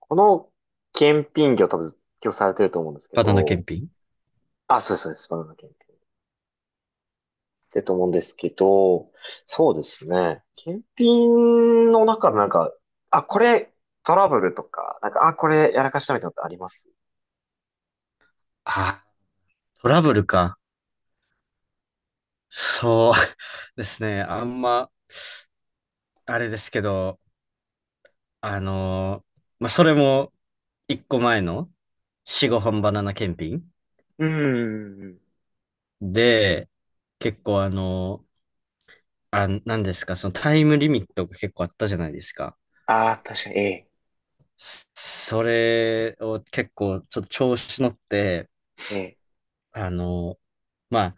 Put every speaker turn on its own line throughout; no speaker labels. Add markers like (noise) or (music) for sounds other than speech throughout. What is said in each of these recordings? この検品業多分今日されてると思うんですけ
バナナ
ど、
検品。
あ、そうです、そうです、バナナ検品。ってと思うんですけど、そうですね。検品の中でなんか、あ、これトラブルとか、なんか、あ、これやらかしたみたいなのってあります？
ああ、トラブルか。そう (laughs) ですね。あんま、あれですけど、あのーまあ、それも、一個前の、四五本バナナ検品
うーん。
で、結構なんですか、そのタイムリミットが結構あったじゃないですか。
あー、確かに、え
それを結構、ちょっと調子乗って、
え、ええ。
あのーまあ、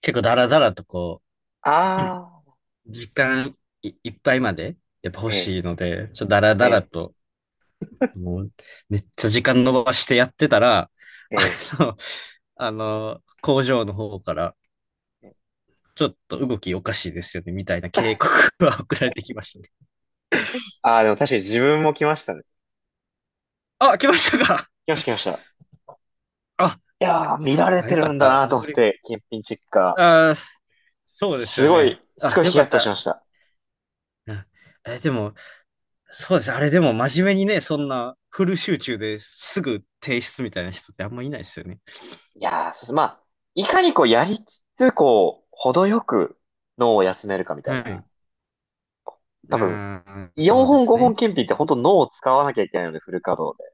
結構ダラダラとこ
あ
う、時間いっぱいまで、やっぱ
ー、
欲
ええ、
しいので、ちょっとダラ
え
ダラ
え、
と、もう、めっちゃ時間伸ばしてやってたら、あの、工場の方から、
ええ。
ちょっと動きおかしいですよね、みたいな警告が送られてきましたね。
(laughs) ああ、でも確かに自分も来ましたね。
あ、来ましたか？
来ました、来ました。
あ、
いやー、見られ
あ、
て
よか
る
っ
んだ
た。
なと
遅
思っ
れ、
て、検品チェッカ
あー、
ー。
そうです
す
よ
ご
ね。
い、す
あ、
ごい
よ
ヒ
か
ヤッ
っ
とし
た。
ました。
あでも、そうです。あれでも真面目にね、そんなフル集中ですぐ提出みたいな人ってあんまいないですよね。
いやー、そうす。まあ、いかにこうやりつつ、こう、程よく脳を休めるかみたい
は
な。
い。
多分、
あー、そ
4
うで
本
す
5本
ね。
検品って本当脳を使わなきゃいけないので、フル稼働で。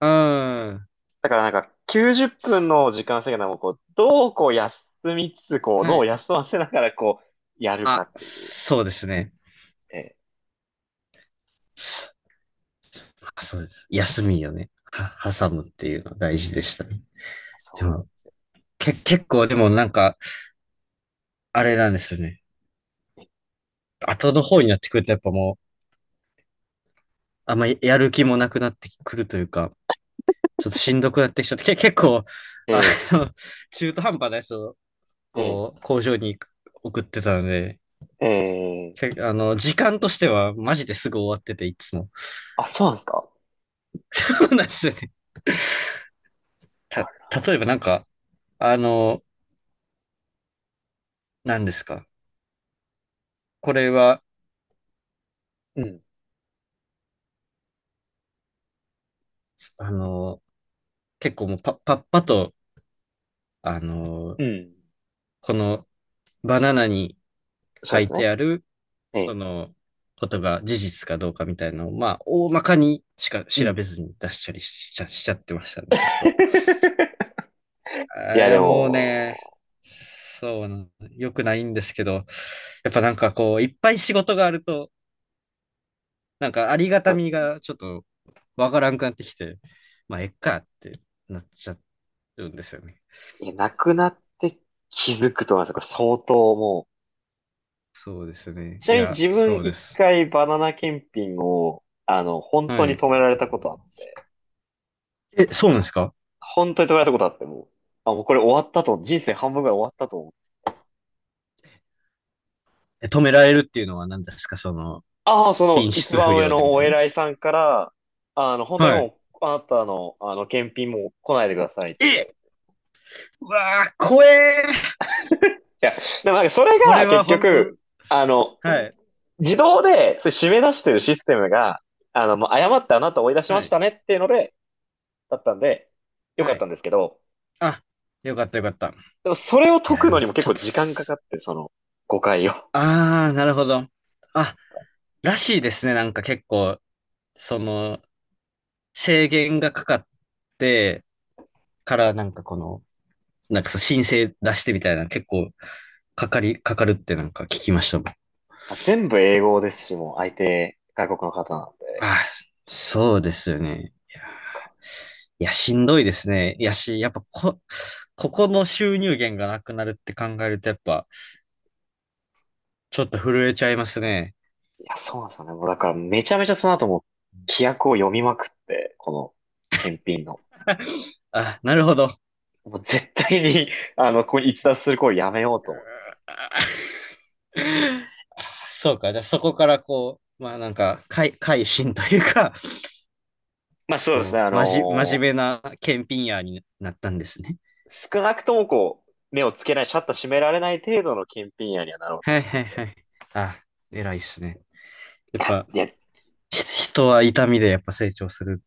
うん。
だからなんか、90分
そ
の時間制限でもこう、どうこう休みつつ、こう、
う。は
脳を
い。
休ませながらこう、やるか
あ、
っていう。
そうですね。
ええ、
あ、そうです。休みよね。
うん
挟むっていうのは大事でしたね。で
そうなんで
も、
すよ。
結構でもなんか、あれなんですよね。後の方になってくるとやっぱもう、あんまりやる気もなくなってくるというか、ちょっとしんどくなってきちゃって、結構、
え
あ
え、
の、(laughs) 中途半端なやつを、
え
こう、工場に送ってたので、
え、ええ、
け、あの、時間としてはマジですぐ終わってて、いつも。
あ、そうなんですか？
(laughs) そうなんですよね。た、
あ
例えばなんか、あの、何ですか。これは、
れうん、
あの、結構もうパッパッパと、あの
う
ー
ん。
このバナナに
そう
書
です
い
ね。
てある、
え
そ
え、
のことが事実かどうかみたいなのを、まあ、大まかにしか
う
調
ん。
べずに出したりしちゃってましたね、ちょっと。
(laughs) いや、
い
で
や、もうね、
も、
そうな、良くないんですけど、やっぱなんかこう、いっぱい仕事があると、なんかありがたみがちょっとわからんくなってきて、まあ、えっかってなっちゃうんですよね。
いや、なくなって気づくと思います。これ相当もう。
そうですよね。
ち
い
なみに
や、
自分
そうで
一
す。
回バナナ検品を、あの、本当
は
に
い。
止められたことあって、
え、そうなんですか？
本当に止められたことあって、もう、あ、もうこれ終わったと、人生半分ぐらい終わったと思って。
え、止められるっていうのは何ですか？その、
ああ、その
品
一
質不
番上
良でみ
の
た
お
いな。
偉いさんから、あの、本当に
はい。
もう、あなたの、あの、検品もう来ないでくださいって言わ
え、
れて。
うわー、怖えー。
いや、でもなんかそれ
それ
が
は
結
本
局、
当、
あの、う
は
ん
い、
自動で、それ締め出してるシステムが、あの、もう誤ってあなたを追い出しま
は
し
い、
たねっていうので、だったんで、よか
は
った
い。
んですけど、
あ、よかったよかった。い
でもそれを解
や、
く
で
の
も
にも
ち
結
ょ
構
っと、
時間かかって、その誤解を。
あー、なるほど。あ、らしいですね。なんか結構、その、制限がかかってからなんかこの、なんかそう申請出してみたいな結構かかるってなんか聞きましたもん。
まあ全部英語ですし、もう相手外国の方なんで。
あ、そうですよね。いや、
なんか
いやしんどいですね。いやし、やっぱこ、ここの収入源がなくなるって考えると、やっぱ、ちょっと震えちゃいますね。
いや、そうなんですよね。もうだからめちゃめちゃその後も規約を読みまくって、この検品の。
あ、なるほど。
もう絶対に (laughs) あの、ここに逸脱する行為やめようと思って。
あ、 (laughs) そうか。じゃあそこからこう、まあなんか、改心というか、
まあそうですね、
こう、真面目な検品屋になったんですね。
少なくともこう、目をつけない、シャッター閉められない程度の検品屋にはなろう
はい
と。
はいはい。あ、偉いっすね。や
い
っ
や、
ぱ、
いや
人は痛みでやっぱ成長するん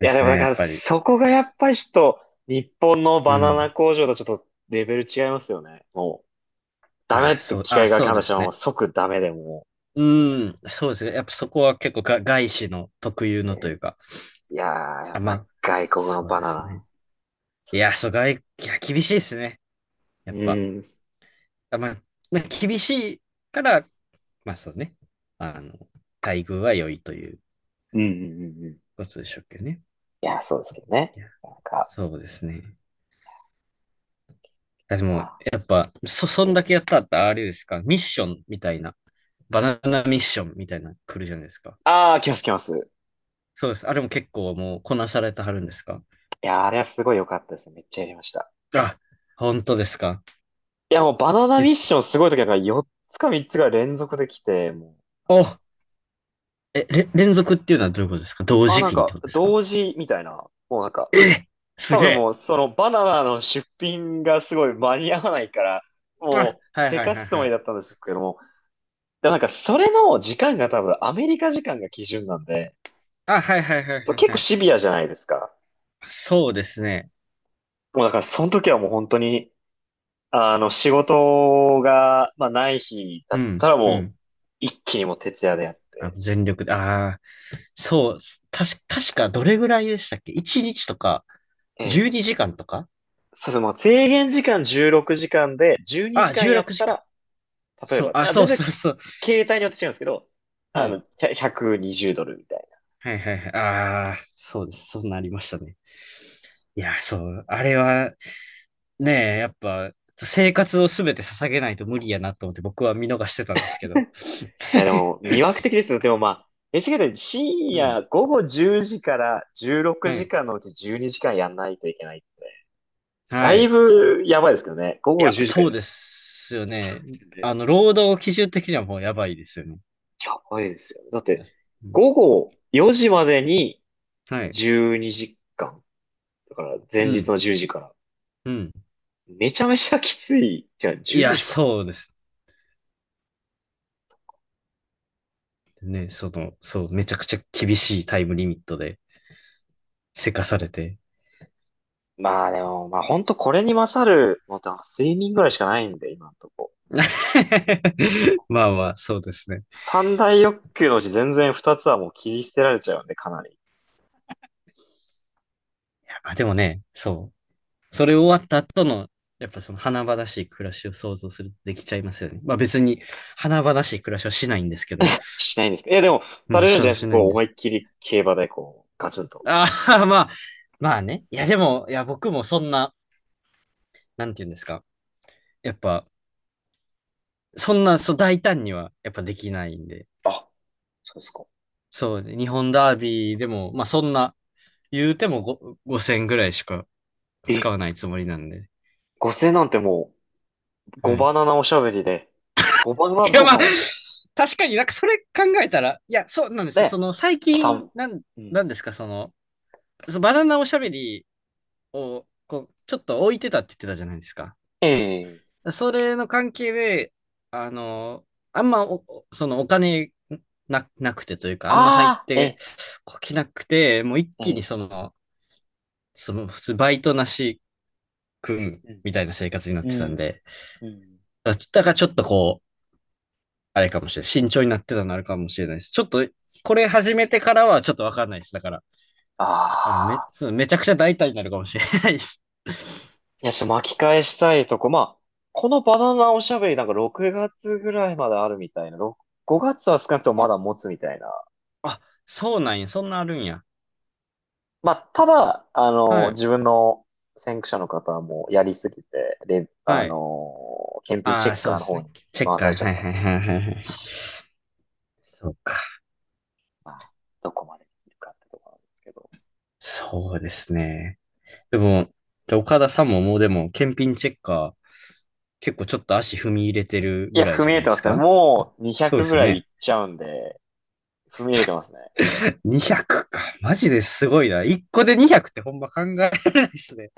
いや、で
す
も
ね、
だ
や
か
っ
ら、
ぱり。
そこがやっぱりちょっと、日本の
う
バナナ
ん。
工場とちょっとレベル違いますよね。もう、ダメ
あ、
って
そう、
機
あ、
械が
そうで
話した
す
らもう
ね。
即ダメでも
う
う、
ーん、そうですね。やっぱそこは結構が外資の特有
え
のとい
ー
うか。
いやー、や
あ、
っ
ま
ぱ
あ、
外国の
そう
バ
で
ナ
す
ナ、
ね。い
そうで
や、
す
そ
ね。
う、いや、厳しいですね。やっ
う
ぱ。
ん、
あ、まあ、厳しいから、まあそうね。あの、待遇は良いという
うん、うん、うんうん。い
ことでしょうけどね。
や、そうですけどね。
いや、
なんか、
そうですね。で
ま
も、
あ、
やっぱ、そ
え
ん
ー、
だけやったら、あれですか？ミッションみたいな、バナナミッションみたいなの来るじゃないですか。
あー、来ます来ます。
そうです。あれも結構もうこなされてはるんですか？
いやー、あれはすごい良かったですね。めっちゃやりました。
あ、本当ですか？
いや、もうバナナミ
め、
ッションすごい時はなんか4つか3つが連続できて、もう、なん
お、
か、
え、れ、連続っていうのはどういうことですか？同
あ、
時
なん
期にって
か、
ことですか？
同時みたいな、もうなんか、
す
多
げ
分
え。
もう、そのバナナの出品がすごい間に合わないから、
あ、
もう、
はい
せ
はい
か
はい
すつ
は
もり
い。
だったんですけども、でもなんか、それの時間が多分アメリカ時間が基準なんで、
あ、はいはいはいはい
結
は
構
い。
シビアじゃないですか。
そうですね。
もうだから、その時はもう本当に、あの、仕事が、まあ、ない日だ
う
っ
ん、
たら
う
もう、
ん。
一気にもう徹夜でやっ
あ、
て、
全力で、ああ、そう、確かどれぐらいでしたっけ？ 1 日とか、
ええ。
12時間とか
そうですね、もう制限時間16時間で、12時間
16
やっ
時
た
間。
ら、例え
そう、
ば、
あ、
あ、
そ
全
うそ
然、
うそう。
携帯によって違うんですけど、
は
あ
い。
の、100 120ドルみたいな。
はいはいはい。ああ、そうです。そうなりましたね。いや、そう、あれは、ねえ、やっぱ、生活をすべて捧げないと無理やなと思って僕は見逃してたんですけど。
や、で
(laughs)
も、魅惑的ですよ。でもまあ、え h k で深
う
夜
ん。
午後10時から16
は
時
い。
間のうち12時間やんないといけないって。だ
は
い
い。
ぶやばいですけどね。午
い
後
や、
10時か
そ
ら
う
やんない
で
と
すよ
いけないで
ね。
すよね？
労働基準的にはもうやばいですよね。
やばいですよね。だって、
うん、
午後4時までに
はい。
12時間。だから前
う
日
ん。
の10時から。
うん。
めちゃめちゃきつい。じゃあ
い
14
や、
時間。
そうですね。その、そう、めちゃくちゃ厳しいタイムリミットで、せかされて。
まあでも、まあ本当これに勝るのって睡眠ぐらいしかないんで、今のとこ。
(laughs) まあまあ、そうですね。
三大欲求のうち全然二つはもう切り捨てられちゃうんで、かなり。
まあでもね、そう。それ終わった後の、やっぱその華々しい暮らしを想像するとできちゃいますよね。まあ別に華々しい暮らしはしないんですけど、
しないんですか？いや、でも、
う
さ
ん、
れるん
そ
じゃ
う
ないで
し
すか？
ない
こ
ん
う、
で
思い
す。
っきり競馬でこう、ガツンと。
ああ、まあ、まあね。いや、でも、いや、僕もそんな、なんて言うんですか。やっぱ、そんな、そう、大胆には、やっぱできないんで。
あ、そうですか。
そうね、日本ダービーでも、まあ、そんな、言うても5000ぐらいしか
え、
使わないつもりなんで。
5000なんてもう、5
はい。
バナナおしゃべりで、5バナナ
いや、
交
ま
換
あ、
を、
確かになんかそれ考えたら、いや、そうなんですよ。そ
ね、
の、最
3、
近、
う
な
ん、
んですか、その、バナナおしゃべりを、こう、ちょっと置いてたって言ってたじゃないですか。
ええ
それの関係で、あの、あんまお、そのお金なくてというか、あんま入っ
ああ、え
て
え、
こきなくて、もう一
え
気にそ
え、
の、普通バイトなし君
うん、
みたいな生活になっ
う
てたん
ん、
で、
うん。
だからちょっとこう、あれかもしれない。慎重になってたのあるかもしれないです。ちょっと、これ始めてからはちょっとわかんないです。だから、
あ
あのめ、
あ。
そうめちゃくちゃ大胆になるかもしれないです。
いや、ちょっと巻き返したいとこ、まあ、このバナナおしゃべりなんか6月ぐらいまであるみたいな、5月は少なくとも
(laughs)
ま
あ、
だ持つみたいな。
あ、そうなんや。そんなあるんや。
まあ、ただ、あ
は
の、
い。
自分の先駆者の方はもうやりすぎて、で、あ
はい。
の、検品チ
あ
ェ
あ、
ッ
そう
カー
で
の
す
方
ね。
に
チェッ
回
カ
さ
ー。
れちゃ
は
っ
い
たんで、
はいはいはいはい。そうか。
まあ、どこまでできるかってところなんですけど。
そうですね。でも、岡田さんももうでも、検品チェッカー、結構ちょっと足踏み入れてる
い
ぐ
や、
らい
踏
じ
み
ゃ
入
な
れ
いで
てま
す
すね。
か？
もう
そうで
200ぐ
すよ
らいいっ
ね。
ちゃうんで、踏み入れてますね。
200か。マジですごいな。1個で200ってほんま考えられないですね。